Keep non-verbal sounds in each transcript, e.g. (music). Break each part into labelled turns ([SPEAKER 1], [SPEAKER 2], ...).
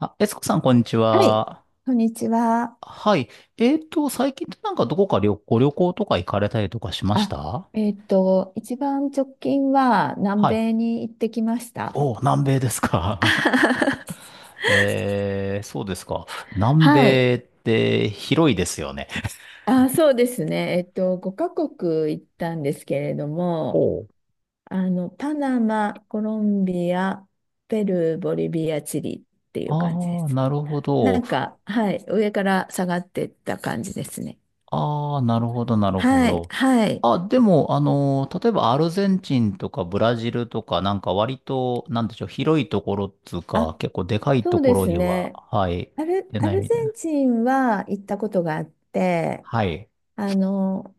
[SPEAKER 1] あ、えつこさん、こんにち
[SPEAKER 2] はい、
[SPEAKER 1] は。
[SPEAKER 2] こんにちは。
[SPEAKER 1] はい。最近ってなんかどこかご旅行とか行かれたりとかしまし
[SPEAKER 2] あ、
[SPEAKER 1] た？
[SPEAKER 2] 一番直近は南
[SPEAKER 1] はい。
[SPEAKER 2] 米に行ってきました。
[SPEAKER 1] お、南米ですか。
[SPEAKER 2] (laughs)
[SPEAKER 1] (laughs) そうですか。南
[SPEAKER 2] はい。
[SPEAKER 1] 米って広いですよね。
[SPEAKER 2] そうですね。5カ国行ったんですけれども、
[SPEAKER 1] おう。
[SPEAKER 2] パナマ、コロンビア、ペルー、ボリビア、チリっていう感じで
[SPEAKER 1] ああ、
[SPEAKER 2] す。
[SPEAKER 1] なるほ
[SPEAKER 2] な
[SPEAKER 1] ど。
[SPEAKER 2] んか、はい、上から下がってった感じですね。
[SPEAKER 1] ああ、なるほど、なるほ
[SPEAKER 2] はい、
[SPEAKER 1] ど。
[SPEAKER 2] はい。
[SPEAKER 1] あ、でも、例えばアルゼンチンとかブラジルとか、なんか割と、なんでしょう、広いところっつうか、
[SPEAKER 2] あ、
[SPEAKER 1] 結構でかい
[SPEAKER 2] そ
[SPEAKER 1] と
[SPEAKER 2] う
[SPEAKER 1] こ
[SPEAKER 2] で
[SPEAKER 1] ろ
[SPEAKER 2] す
[SPEAKER 1] には、
[SPEAKER 2] ね。
[SPEAKER 1] はい、
[SPEAKER 2] アル、
[SPEAKER 1] 出
[SPEAKER 2] ア
[SPEAKER 1] ない
[SPEAKER 2] ル
[SPEAKER 1] みたい
[SPEAKER 2] ゼン
[SPEAKER 1] な。
[SPEAKER 2] チンは行ったことがあって、
[SPEAKER 1] はい。
[SPEAKER 2] あの、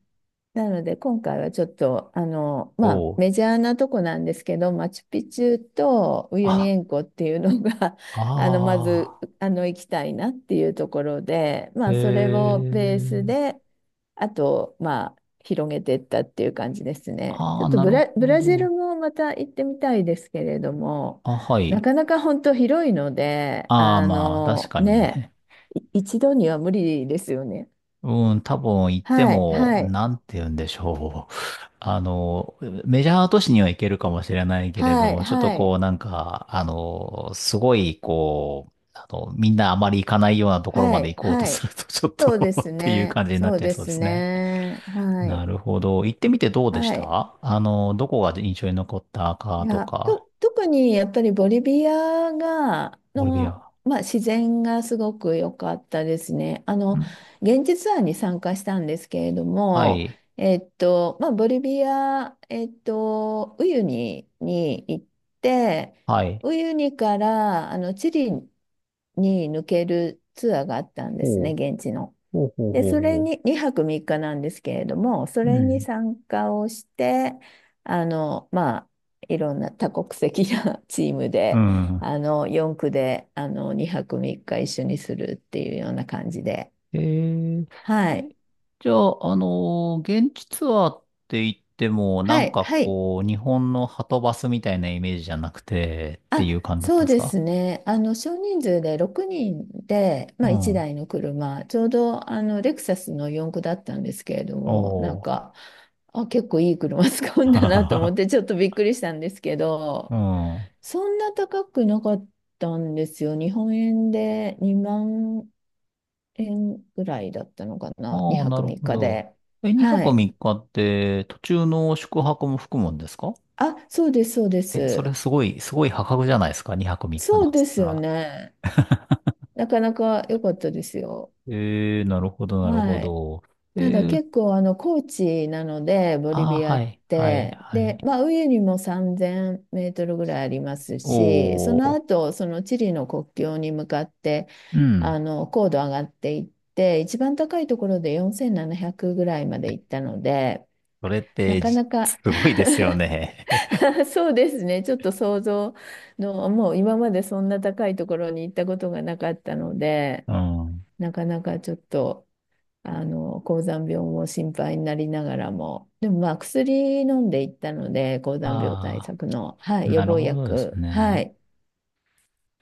[SPEAKER 2] なので今回はちょっと、
[SPEAKER 1] お
[SPEAKER 2] まあ
[SPEAKER 1] お。
[SPEAKER 2] メジャーなとこなんですけど、マチュピチュとウユニ
[SPEAKER 1] あ、
[SPEAKER 2] 塩湖っていうのが (laughs)、まず、
[SPEAKER 1] ああ、
[SPEAKER 2] 行きたいなっていうところで、ま
[SPEAKER 1] え
[SPEAKER 2] あそれをベース
[SPEAKER 1] え、
[SPEAKER 2] で、あと、まあ広げていったっていう感じですね。ち
[SPEAKER 1] あ
[SPEAKER 2] ょっ
[SPEAKER 1] あ、
[SPEAKER 2] と
[SPEAKER 1] な
[SPEAKER 2] ブ
[SPEAKER 1] る
[SPEAKER 2] ラ、ブ
[SPEAKER 1] ほ
[SPEAKER 2] ラジル
[SPEAKER 1] ど。
[SPEAKER 2] もまた行ってみたいですけれども、
[SPEAKER 1] あ、は
[SPEAKER 2] な
[SPEAKER 1] い。
[SPEAKER 2] かなか本当広いので、
[SPEAKER 1] ああ、まあ、確かに
[SPEAKER 2] ね、
[SPEAKER 1] ね。
[SPEAKER 2] 一度には無理ですよね。
[SPEAKER 1] (laughs) うん、多分行って
[SPEAKER 2] はい、
[SPEAKER 1] も、
[SPEAKER 2] はい。
[SPEAKER 1] なんて言うんでしょう。(laughs) あの、メジャー都市には行けるかもしれないけれど
[SPEAKER 2] はい、
[SPEAKER 1] も、ちょっと
[SPEAKER 2] は
[SPEAKER 1] こ
[SPEAKER 2] い、
[SPEAKER 1] う、なんか、すごい、こう、みんなあまり行かないようなところ
[SPEAKER 2] は
[SPEAKER 1] まで行
[SPEAKER 2] い、
[SPEAKER 1] こうと
[SPEAKER 2] は
[SPEAKER 1] す
[SPEAKER 2] い。
[SPEAKER 1] ると、ちょっと
[SPEAKER 2] そうで
[SPEAKER 1] (laughs)
[SPEAKER 2] す
[SPEAKER 1] っていう
[SPEAKER 2] ね。
[SPEAKER 1] 感じになっ
[SPEAKER 2] そう
[SPEAKER 1] ちゃい
[SPEAKER 2] で
[SPEAKER 1] そうで
[SPEAKER 2] す
[SPEAKER 1] すね。
[SPEAKER 2] ね。は
[SPEAKER 1] な
[SPEAKER 2] い、
[SPEAKER 1] るほど。行ってみてどうでし
[SPEAKER 2] はい。
[SPEAKER 1] た？どこが印象に残った
[SPEAKER 2] い
[SPEAKER 1] かと
[SPEAKER 2] や、
[SPEAKER 1] か。
[SPEAKER 2] 特にやっぱりボリビアが、
[SPEAKER 1] ボリビア。
[SPEAKER 2] の、まあ、自然がすごく良かったですね。
[SPEAKER 1] うん。
[SPEAKER 2] 現地ツアーに参加したんですけれど
[SPEAKER 1] は
[SPEAKER 2] も、
[SPEAKER 1] い。
[SPEAKER 2] まあ、ボリビア、ウユニに行って、
[SPEAKER 1] はい。
[SPEAKER 2] ウユニから、チリに抜けるツアーがあったんです
[SPEAKER 1] お
[SPEAKER 2] ね、
[SPEAKER 1] う。
[SPEAKER 2] 現地の。
[SPEAKER 1] ほうほう
[SPEAKER 2] で、
[SPEAKER 1] ほう
[SPEAKER 2] それ
[SPEAKER 1] ほう。
[SPEAKER 2] に、2泊3日なんですけれども、そ
[SPEAKER 1] う
[SPEAKER 2] れに
[SPEAKER 1] ん。
[SPEAKER 2] 参加をして、まあ、いろんな多国籍な (laughs) チーム
[SPEAKER 1] う
[SPEAKER 2] で、
[SPEAKER 1] ん。
[SPEAKER 2] 4区で、2泊3日一緒にするっていうような感じで。
[SPEAKER 1] えー、
[SPEAKER 2] はい。
[SPEAKER 1] えじゃあ、現地ツアーって言っても、な
[SPEAKER 2] は
[SPEAKER 1] ん
[SPEAKER 2] い。
[SPEAKER 1] か
[SPEAKER 2] はい。
[SPEAKER 1] こう、日本のはとバスみたいなイメージじゃなくて、って
[SPEAKER 2] あ、
[SPEAKER 1] いう感じだっ
[SPEAKER 2] そ
[SPEAKER 1] たん
[SPEAKER 2] う
[SPEAKER 1] です
[SPEAKER 2] で
[SPEAKER 1] か？
[SPEAKER 2] すね。少人数で6人で、
[SPEAKER 1] う
[SPEAKER 2] まあ、1
[SPEAKER 1] ん。
[SPEAKER 2] 台の車、ちょうど、レクサスの4駆だったんですけれど
[SPEAKER 1] (laughs)
[SPEAKER 2] も、な
[SPEAKER 1] お
[SPEAKER 2] ん
[SPEAKER 1] ー。
[SPEAKER 2] か、結構いい車 (laughs) 使うんだなと思って、
[SPEAKER 1] (laughs)
[SPEAKER 2] ちょっとびっくりしたんですけど、
[SPEAKER 1] うん。
[SPEAKER 2] そんな高くなかったんですよ。日本円で2万円ぐらいだったのかな。
[SPEAKER 1] ああ、
[SPEAKER 2] 2
[SPEAKER 1] な
[SPEAKER 2] 泊
[SPEAKER 1] る
[SPEAKER 2] 3
[SPEAKER 1] ほ
[SPEAKER 2] 日
[SPEAKER 1] ど。
[SPEAKER 2] で。
[SPEAKER 1] え、2
[SPEAKER 2] は
[SPEAKER 1] 泊
[SPEAKER 2] い。
[SPEAKER 1] 3日っかって途中の宿泊も含むんですか？
[SPEAKER 2] そうです、そうで
[SPEAKER 1] え、それ
[SPEAKER 2] す。
[SPEAKER 1] すごい、すごい破格じゃないですか ?2 泊3日
[SPEAKER 2] そ
[SPEAKER 1] な
[SPEAKER 2] う
[SPEAKER 1] んつ
[SPEAKER 2] で
[SPEAKER 1] っ
[SPEAKER 2] す
[SPEAKER 1] た
[SPEAKER 2] よ
[SPEAKER 1] ら。
[SPEAKER 2] ね。なかなか良かったですよ。
[SPEAKER 1] えー、なるほど、なるほ
[SPEAKER 2] はい。
[SPEAKER 1] ど。え
[SPEAKER 2] ただ
[SPEAKER 1] ー、
[SPEAKER 2] 結構あの高地なのでボリ
[SPEAKER 1] ああ、
[SPEAKER 2] ビア
[SPEAKER 1] は
[SPEAKER 2] っ
[SPEAKER 1] い、はい、
[SPEAKER 2] て
[SPEAKER 1] は
[SPEAKER 2] で、
[SPEAKER 1] い。
[SPEAKER 2] まあ、上にも3000メートルぐらいありますし、その
[SPEAKER 1] おー、
[SPEAKER 2] 後そのチリの国境に向かって
[SPEAKER 1] う
[SPEAKER 2] あ
[SPEAKER 1] ん。
[SPEAKER 2] の高度上がっていって、一番高いところで4700ぐらいまで行ったので、
[SPEAKER 1] それっ
[SPEAKER 2] な
[SPEAKER 1] て
[SPEAKER 2] かなか
[SPEAKER 1] すごいですよね。(laughs)
[SPEAKER 2] (laughs) そうですね、ちょっと想像のもう今までそんな高いところに行ったことがなかったので
[SPEAKER 1] うん。
[SPEAKER 2] なかなかちょっと。高山病も心配になりながらも、でもまあ薬飲んでいったので、高山病対
[SPEAKER 1] あ
[SPEAKER 2] 策の、は
[SPEAKER 1] あ、
[SPEAKER 2] い、予
[SPEAKER 1] なる
[SPEAKER 2] 防
[SPEAKER 1] ほどです
[SPEAKER 2] 薬、は
[SPEAKER 1] ね。
[SPEAKER 2] い、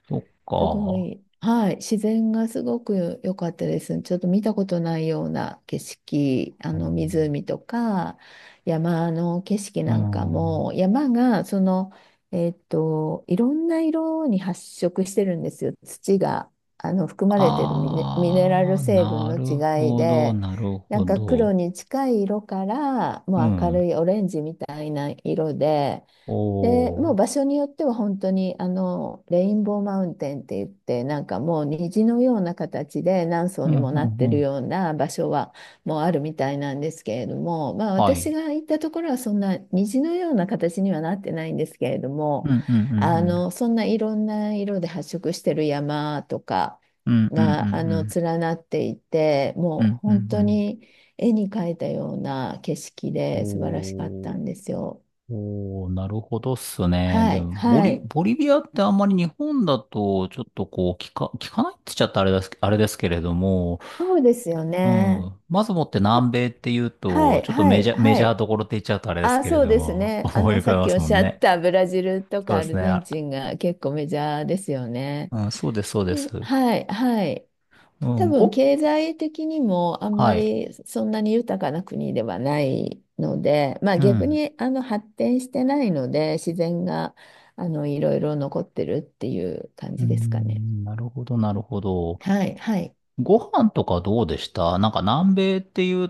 [SPEAKER 1] そっ
[SPEAKER 2] すご
[SPEAKER 1] か。
[SPEAKER 2] い、はい、自然がすごく良かったです。ちょっと見たことないような景色、あ
[SPEAKER 1] う
[SPEAKER 2] の
[SPEAKER 1] ん。
[SPEAKER 2] 湖とか山の景色
[SPEAKER 1] う
[SPEAKER 2] なんか
[SPEAKER 1] ん。
[SPEAKER 2] も、山がいろんな色に発色してるんですよ。土が、含まれてるミネ、ミネラ
[SPEAKER 1] あ
[SPEAKER 2] ル
[SPEAKER 1] あ、
[SPEAKER 2] 成分
[SPEAKER 1] な
[SPEAKER 2] の
[SPEAKER 1] る
[SPEAKER 2] 違い
[SPEAKER 1] ほど、
[SPEAKER 2] で、
[SPEAKER 1] なる
[SPEAKER 2] な
[SPEAKER 1] ほ
[SPEAKER 2] んか黒
[SPEAKER 1] ど。
[SPEAKER 2] に近い色から、
[SPEAKER 1] う
[SPEAKER 2] もう明る
[SPEAKER 1] ん。
[SPEAKER 2] いオレンジみたいな色で、で、
[SPEAKER 1] お
[SPEAKER 2] もう場
[SPEAKER 1] ー。
[SPEAKER 2] 所によっては本当にあのレインボーマウンテンって言って、なんかもう虹のような形で何層
[SPEAKER 1] うん、
[SPEAKER 2] にも
[SPEAKER 1] う
[SPEAKER 2] なって
[SPEAKER 1] ん、う
[SPEAKER 2] る
[SPEAKER 1] ん。
[SPEAKER 2] ような場所はもうあるみたいなんですけれども、まあ
[SPEAKER 1] は
[SPEAKER 2] 私
[SPEAKER 1] い。
[SPEAKER 2] が行ったところはそんな虹のような形にはなってないんですけれど
[SPEAKER 1] う
[SPEAKER 2] も、
[SPEAKER 1] ん、うん、うん、うん。
[SPEAKER 2] そんないろんな色で発色してる山とか
[SPEAKER 1] うん、うん、うん、
[SPEAKER 2] が
[SPEAKER 1] うん。
[SPEAKER 2] 連なっていて、
[SPEAKER 1] う
[SPEAKER 2] も
[SPEAKER 1] ん、
[SPEAKER 2] う
[SPEAKER 1] うんう
[SPEAKER 2] 本当
[SPEAKER 1] ん。
[SPEAKER 2] に絵に描いたような景色で素晴らしかっ
[SPEAKER 1] お
[SPEAKER 2] た
[SPEAKER 1] ー。
[SPEAKER 2] んですよ。
[SPEAKER 1] おー、なるほどっすね。
[SPEAKER 2] は
[SPEAKER 1] で
[SPEAKER 2] い、
[SPEAKER 1] も、
[SPEAKER 2] はい。
[SPEAKER 1] ボリビアってあんまり日本だと、ちょっとこう、聞かないって言っちゃったらあれです、あれですけれども、
[SPEAKER 2] そうですよ
[SPEAKER 1] う
[SPEAKER 2] ね。
[SPEAKER 1] ん。まずもって南米っていう
[SPEAKER 2] は
[SPEAKER 1] と、
[SPEAKER 2] い、
[SPEAKER 1] ちょっと
[SPEAKER 2] はい、
[SPEAKER 1] メ
[SPEAKER 2] は
[SPEAKER 1] ジャー
[SPEAKER 2] い。
[SPEAKER 1] どころって言っちゃうとあれですけれ
[SPEAKER 2] そう
[SPEAKER 1] ど
[SPEAKER 2] です
[SPEAKER 1] も、(laughs)
[SPEAKER 2] ね。
[SPEAKER 1] 思い浮か
[SPEAKER 2] さ
[SPEAKER 1] べ
[SPEAKER 2] っ
[SPEAKER 1] ま
[SPEAKER 2] きお
[SPEAKER 1] す
[SPEAKER 2] っ
[SPEAKER 1] も
[SPEAKER 2] し
[SPEAKER 1] ん
[SPEAKER 2] ゃっ
[SPEAKER 1] ね。
[SPEAKER 2] たブラジルとか
[SPEAKER 1] そう
[SPEAKER 2] ア
[SPEAKER 1] です
[SPEAKER 2] ル
[SPEAKER 1] ね。
[SPEAKER 2] ゼン
[SPEAKER 1] あ、
[SPEAKER 2] チンが結構メジャーですよね。
[SPEAKER 1] うん、そうです、そうで
[SPEAKER 2] で、
[SPEAKER 1] す。
[SPEAKER 2] はい、はい。
[SPEAKER 1] う
[SPEAKER 2] 多
[SPEAKER 1] ん、
[SPEAKER 2] 分、経済的にもあんま
[SPEAKER 1] はい。
[SPEAKER 2] りそんなに豊かな国ではないので、まあ
[SPEAKER 1] う
[SPEAKER 2] 逆
[SPEAKER 1] ん。
[SPEAKER 2] に発展してないので、自然がいろいろ残ってるっていう感
[SPEAKER 1] うー
[SPEAKER 2] じですかね。
[SPEAKER 1] ん、なるほど、なるほど。
[SPEAKER 2] はい、はい。
[SPEAKER 1] ご飯とかどうでした？なんか南米っていう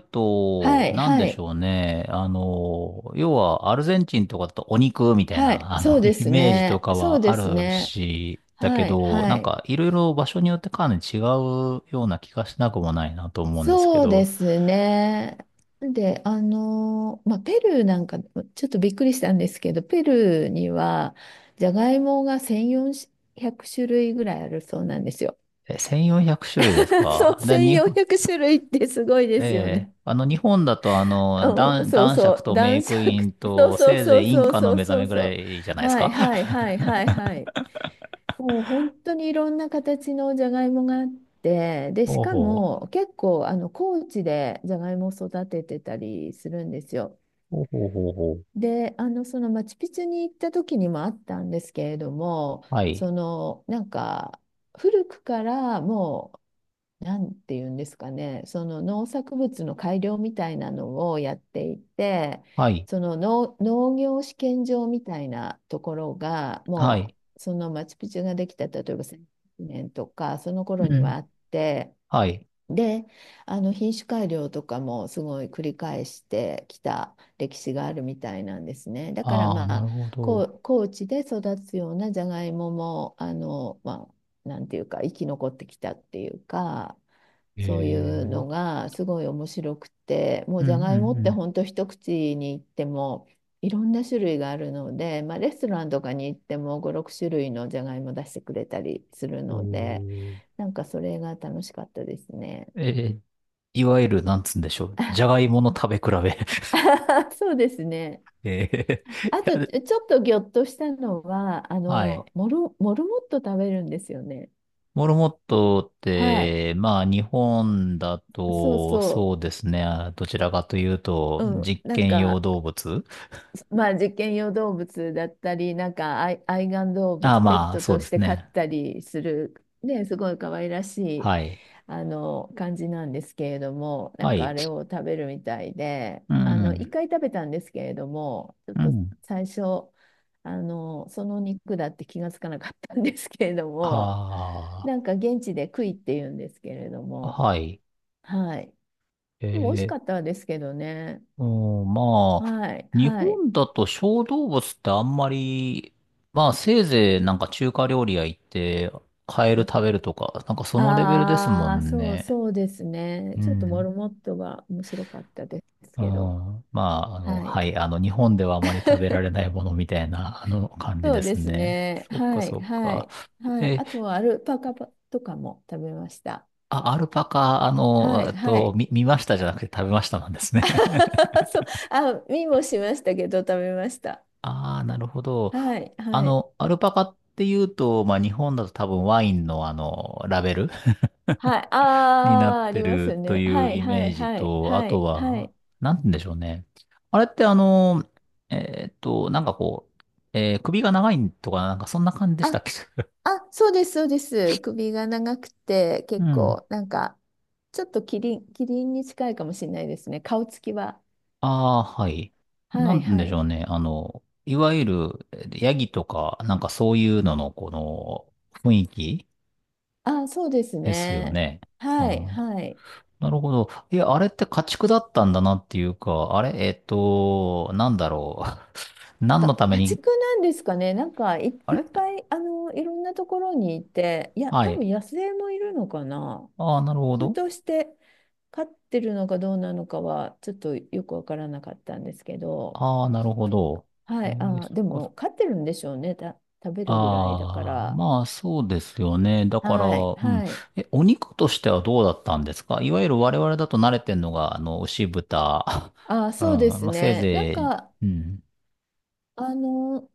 [SPEAKER 2] は
[SPEAKER 1] と、
[SPEAKER 2] い、
[SPEAKER 1] なん
[SPEAKER 2] は
[SPEAKER 1] でし
[SPEAKER 2] い。
[SPEAKER 1] ょうね。要はアルゼンチンとかだとお肉みたい
[SPEAKER 2] はい、
[SPEAKER 1] な、
[SPEAKER 2] そうで
[SPEAKER 1] (laughs) イ
[SPEAKER 2] す
[SPEAKER 1] メージと
[SPEAKER 2] ね。
[SPEAKER 1] か
[SPEAKER 2] そう
[SPEAKER 1] は
[SPEAKER 2] で
[SPEAKER 1] あ
[SPEAKER 2] す
[SPEAKER 1] る
[SPEAKER 2] ね。
[SPEAKER 1] し、だけ
[SPEAKER 2] はい、
[SPEAKER 1] ど、な
[SPEAKER 2] は
[SPEAKER 1] ん
[SPEAKER 2] い。
[SPEAKER 1] かいろいろ場所によってかなり違うような気がしなくもないなと思うんですけ
[SPEAKER 2] そうで
[SPEAKER 1] ど、
[SPEAKER 2] すね。で、まあ、ペルーなんか、ちょっとびっくりしたんですけど、ペルーには、じゃがいもが1400種類ぐらいあるそうなんですよ。
[SPEAKER 1] え、1400種類です
[SPEAKER 2] (laughs) そ
[SPEAKER 1] か？
[SPEAKER 2] う、
[SPEAKER 1] で、
[SPEAKER 2] 1400種類ってすごいで
[SPEAKER 1] え
[SPEAKER 2] すよね。
[SPEAKER 1] え、日本だと、
[SPEAKER 2] うん、そう
[SPEAKER 1] 男
[SPEAKER 2] そ
[SPEAKER 1] 爵
[SPEAKER 2] う、
[SPEAKER 1] とメ
[SPEAKER 2] 男
[SPEAKER 1] イクイ
[SPEAKER 2] 爵、
[SPEAKER 1] ン
[SPEAKER 2] そう
[SPEAKER 1] と、
[SPEAKER 2] そう
[SPEAKER 1] せい
[SPEAKER 2] そ
[SPEAKER 1] ぜ
[SPEAKER 2] う
[SPEAKER 1] いイン
[SPEAKER 2] そう
[SPEAKER 1] カの
[SPEAKER 2] そう
[SPEAKER 1] 目覚
[SPEAKER 2] そう
[SPEAKER 1] めぐ
[SPEAKER 2] そ
[SPEAKER 1] ら
[SPEAKER 2] う。
[SPEAKER 1] いじゃないです
[SPEAKER 2] はい
[SPEAKER 1] か？
[SPEAKER 2] はいはいはいはい。もう本当にいろんな形のじゃがいもがあって、で、し
[SPEAKER 1] ほう
[SPEAKER 2] か
[SPEAKER 1] ほう。
[SPEAKER 2] も結構あの高地でじゃがいもを育ててたりするんですよ。
[SPEAKER 1] ほうほうほうほう。
[SPEAKER 2] で、そのマチュピチュに行った時にもあったんですけれども、
[SPEAKER 1] はい。
[SPEAKER 2] そのなんか古くからもなんていうんですかね、その農作物の改良みたいなのをやっていて、
[SPEAKER 1] はい。
[SPEAKER 2] その農業試験場みたいなところが、
[SPEAKER 1] は
[SPEAKER 2] も
[SPEAKER 1] い。
[SPEAKER 2] うそのマチュピチュができた、例えば100年とか、その
[SPEAKER 1] う
[SPEAKER 2] 頃に
[SPEAKER 1] ん。
[SPEAKER 2] はあって、
[SPEAKER 1] はい。
[SPEAKER 2] で、品種改良とかもすごい繰り返してきた歴史があるみたいなんですね。だから
[SPEAKER 1] ああ、
[SPEAKER 2] ま
[SPEAKER 1] なる
[SPEAKER 2] あ、
[SPEAKER 1] ほ
[SPEAKER 2] こ
[SPEAKER 1] ど。
[SPEAKER 2] う高地で育つようなじゃがいもも、まあ、なんていうか生き残ってきたっていうか、
[SPEAKER 1] え
[SPEAKER 2] そういう
[SPEAKER 1] ー、
[SPEAKER 2] のがすごい面白くて、もう
[SPEAKER 1] う
[SPEAKER 2] じゃ
[SPEAKER 1] ん
[SPEAKER 2] が
[SPEAKER 1] う
[SPEAKER 2] いもって
[SPEAKER 1] ん
[SPEAKER 2] 本当一口にいってもいろんな種類があるので、まあ、レストランとかに行っても5、6種類のじゃがいも出してくれたりする
[SPEAKER 1] う
[SPEAKER 2] ので、
[SPEAKER 1] ん。
[SPEAKER 2] なんかそれが楽しかったですね。
[SPEAKER 1] えー、えーいわゆる、なんつうんでしょう。じ
[SPEAKER 2] あ
[SPEAKER 1] ゃがいもの食べ比べ？
[SPEAKER 2] (laughs) そうですね。
[SPEAKER 1] (laughs) えー、い
[SPEAKER 2] あと
[SPEAKER 1] や、
[SPEAKER 2] ちょっとぎょっとしたのは
[SPEAKER 1] はい。
[SPEAKER 2] モルモット食べるんですよね。
[SPEAKER 1] モルモットっ
[SPEAKER 2] はい。
[SPEAKER 1] て、まあ、日本だ
[SPEAKER 2] そう
[SPEAKER 1] と、そ
[SPEAKER 2] そ
[SPEAKER 1] うですね。あ、どちらかというと、
[SPEAKER 2] う。うん。
[SPEAKER 1] 実
[SPEAKER 2] なん
[SPEAKER 1] 験用
[SPEAKER 2] か
[SPEAKER 1] 動物。
[SPEAKER 2] まあ、実験用動物だったり、なんか愛玩動
[SPEAKER 1] ああ、
[SPEAKER 2] 物、ペッ
[SPEAKER 1] まあ、
[SPEAKER 2] ト
[SPEAKER 1] そう
[SPEAKER 2] と
[SPEAKER 1] で
[SPEAKER 2] し
[SPEAKER 1] す
[SPEAKER 2] て飼っ
[SPEAKER 1] ね。
[SPEAKER 2] たりする、ね、すごい可愛らしい、
[SPEAKER 1] はい。
[SPEAKER 2] 感じなんですけれども、な
[SPEAKER 1] は
[SPEAKER 2] んかあ
[SPEAKER 1] い。
[SPEAKER 2] れを食べるみたいで、
[SPEAKER 1] うん、う
[SPEAKER 2] 一
[SPEAKER 1] ん。
[SPEAKER 2] 回食べたんですけれども、ちょっ
[SPEAKER 1] う
[SPEAKER 2] と
[SPEAKER 1] ん。
[SPEAKER 2] 最初、その肉だって気がつかなかったんですけれども、
[SPEAKER 1] あ
[SPEAKER 2] なんか現地でクイって言うんですけれど
[SPEAKER 1] あ、
[SPEAKER 2] も、
[SPEAKER 1] はい。
[SPEAKER 2] はい。
[SPEAKER 1] え
[SPEAKER 2] でも美味しか
[SPEAKER 1] ー、
[SPEAKER 2] ったですけどね。
[SPEAKER 1] うん、まあ、
[SPEAKER 2] はい、
[SPEAKER 1] 日
[SPEAKER 2] はい。
[SPEAKER 1] 本だと小動物ってあんまり、まあ、せいぜいなんか中華料理屋行って、カエル食べるとか、なんかそのレベルですも
[SPEAKER 2] ああ、
[SPEAKER 1] ん
[SPEAKER 2] そう、
[SPEAKER 1] ね。
[SPEAKER 2] そうですね。
[SPEAKER 1] う
[SPEAKER 2] ちょっとモ
[SPEAKER 1] ん。
[SPEAKER 2] ルモットが面白かったです
[SPEAKER 1] う
[SPEAKER 2] けど。
[SPEAKER 1] ん。まあ、
[SPEAKER 2] は
[SPEAKER 1] は
[SPEAKER 2] い。
[SPEAKER 1] い。日本ではあまり食べられな
[SPEAKER 2] (laughs)
[SPEAKER 1] いものみたいな、感じ
[SPEAKER 2] そ
[SPEAKER 1] で
[SPEAKER 2] うで
[SPEAKER 1] す
[SPEAKER 2] す
[SPEAKER 1] ね。
[SPEAKER 2] ね。
[SPEAKER 1] そっか、
[SPEAKER 2] はい、
[SPEAKER 1] そっ
[SPEAKER 2] は
[SPEAKER 1] か。
[SPEAKER 2] い、はい。
[SPEAKER 1] え、
[SPEAKER 2] あとはアルパカとかも食べました。
[SPEAKER 1] あ、アルパカ、
[SPEAKER 2] はい、はい。
[SPEAKER 1] 見ましたじゃなくて食べましたなんですね？
[SPEAKER 2] (laughs) そう、見もしましたけど食べました。
[SPEAKER 1] ああ、なるほど。
[SPEAKER 2] はい、はい。
[SPEAKER 1] アルパカっていうと、まあ、日本だと多分ワインのラベル (laughs)
[SPEAKER 2] はい。あ
[SPEAKER 1] になっ
[SPEAKER 2] あ、あ
[SPEAKER 1] て
[SPEAKER 2] ります
[SPEAKER 1] る
[SPEAKER 2] よ
[SPEAKER 1] と
[SPEAKER 2] ね。
[SPEAKER 1] い
[SPEAKER 2] は
[SPEAKER 1] う
[SPEAKER 2] い、
[SPEAKER 1] イ
[SPEAKER 2] は
[SPEAKER 1] メー
[SPEAKER 2] い、
[SPEAKER 1] ジ
[SPEAKER 2] はい、
[SPEAKER 1] と、あ
[SPEAKER 2] は
[SPEAKER 1] と
[SPEAKER 2] い、は
[SPEAKER 1] は、
[SPEAKER 2] い。
[SPEAKER 1] なんて言うんでしょうね。あれってなんかこう、首が長いとか、なんかそんな感じでしたっけ？
[SPEAKER 2] そうです、そうです。首が長くて、
[SPEAKER 1] (laughs) う
[SPEAKER 2] 結
[SPEAKER 1] ん。
[SPEAKER 2] 構、なんか、ちょっとキリンに近いかもしれないですね。顔つきは。
[SPEAKER 1] ああ、はい。な
[SPEAKER 2] は
[SPEAKER 1] ん
[SPEAKER 2] い、
[SPEAKER 1] て言うん
[SPEAKER 2] は
[SPEAKER 1] でしょ
[SPEAKER 2] い。
[SPEAKER 1] うね。いわゆる、ヤギとか、なんかそういうのの、この、雰囲気
[SPEAKER 2] そうです
[SPEAKER 1] ですよ
[SPEAKER 2] ね。
[SPEAKER 1] ね。う
[SPEAKER 2] はい、
[SPEAKER 1] ん。
[SPEAKER 2] はい。
[SPEAKER 1] なるほど。いや、あれって家畜だったんだなっていうか、あれなんだろう。(laughs) 何の
[SPEAKER 2] か、
[SPEAKER 1] ため
[SPEAKER 2] 家
[SPEAKER 1] に、
[SPEAKER 2] 畜なんですかね。なんかい、
[SPEAKER 1] あ
[SPEAKER 2] いっ
[SPEAKER 1] れ、
[SPEAKER 2] ぱい、いろんなところにいて、いや、
[SPEAKER 1] は
[SPEAKER 2] 多
[SPEAKER 1] い。
[SPEAKER 2] 分野生もいるのかな。
[SPEAKER 1] ああ、なるほ
[SPEAKER 2] ふ
[SPEAKER 1] ど。
[SPEAKER 2] として飼ってるのかどうなのかは、ちょっとよくわからなかったんですけど、
[SPEAKER 1] ああ、なるほど。え
[SPEAKER 2] はい、
[SPEAKER 1] ー、そっ
[SPEAKER 2] で
[SPEAKER 1] かそっ
[SPEAKER 2] も、
[SPEAKER 1] か。
[SPEAKER 2] 飼ってるんでしょうね。食べるぐらいだか
[SPEAKER 1] ああ、
[SPEAKER 2] ら。
[SPEAKER 1] まあそうですよね。だから、
[SPEAKER 2] はい、
[SPEAKER 1] うん。
[SPEAKER 2] はい。
[SPEAKER 1] え、お肉としてはどうだったんですか？いわゆる我々だと慣れてんのが、牛豚。(laughs) うん。
[SPEAKER 2] そうです
[SPEAKER 1] まあせい
[SPEAKER 2] ね。なん
[SPEAKER 1] ぜい、
[SPEAKER 2] か、
[SPEAKER 1] うん。
[SPEAKER 2] あの、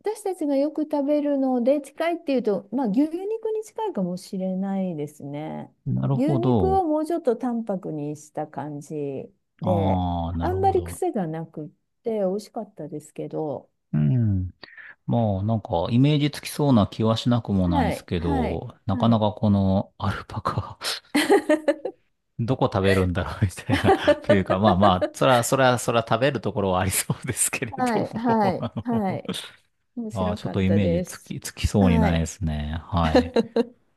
[SPEAKER 2] 私たちがよく食べるので近いっていうと、まあ、牛肉に近いかもしれないですね。
[SPEAKER 1] なるほ
[SPEAKER 2] 牛肉
[SPEAKER 1] ど。
[SPEAKER 2] をもうちょっと淡白にした感じで、
[SPEAKER 1] ああ、な
[SPEAKER 2] あ
[SPEAKER 1] る
[SPEAKER 2] んま
[SPEAKER 1] ほ
[SPEAKER 2] り
[SPEAKER 1] ど。
[SPEAKER 2] 癖がなくって美味しかったですけど、
[SPEAKER 1] うん。まあ、なんか、イメージつきそうな気はしなくもないで
[SPEAKER 2] は
[SPEAKER 1] す
[SPEAKER 2] い、
[SPEAKER 1] け
[SPEAKER 2] はい、
[SPEAKER 1] ど、なか
[SPEAKER 2] は
[SPEAKER 1] な
[SPEAKER 2] い。
[SPEAKER 1] かこのアルパカ (laughs)
[SPEAKER 2] (laughs)
[SPEAKER 1] どこ食べるんだろう (laughs) みたいな (laughs) というか、まあまあ、そら、そら、そら食べるところはありそうですけれど
[SPEAKER 2] はい、は
[SPEAKER 1] も (laughs)
[SPEAKER 2] い、はい。面
[SPEAKER 1] まあー、
[SPEAKER 2] 白
[SPEAKER 1] ちょっ
[SPEAKER 2] か
[SPEAKER 1] と
[SPEAKER 2] っ
[SPEAKER 1] イ
[SPEAKER 2] た
[SPEAKER 1] メージ
[SPEAKER 2] です。
[SPEAKER 1] つきそうに
[SPEAKER 2] は
[SPEAKER 1] ない
[SPEAKER 2] い。
[SPEAKER 1] ですね。はい。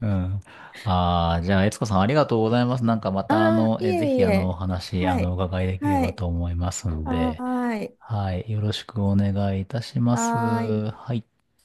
[SPEAKER 1] うん。ああ、じゃあ、悦子さんありがとうございます。なんかまた、
[SPEAKER 2] ああ、い
[SPEAKER 1] ぜ
[SPEAKER 2] えい
[SPEAKER 1] ひ、お
[SPEAKER 2] え。
[SPEAKER 1] 話、
[SPEAKER 2] は
[SPEAKER 1] お
[SPEAKER 2] い。
[SPEAKER 1] 伺いできれ
[SPEAKER 2] は
[SPEAKER 1] ば
[SPEAKER 2] い。
[SPEAKER 1] と思いますん
[SPEAKER 2] は
[SPEAKER 1] で、
[SPEAKER 2] ーい。
[SPEAKER 1] はい。よろしくお願いいたします。
[SPEAKER 2] はーい。
[SPEAKER 1] はい。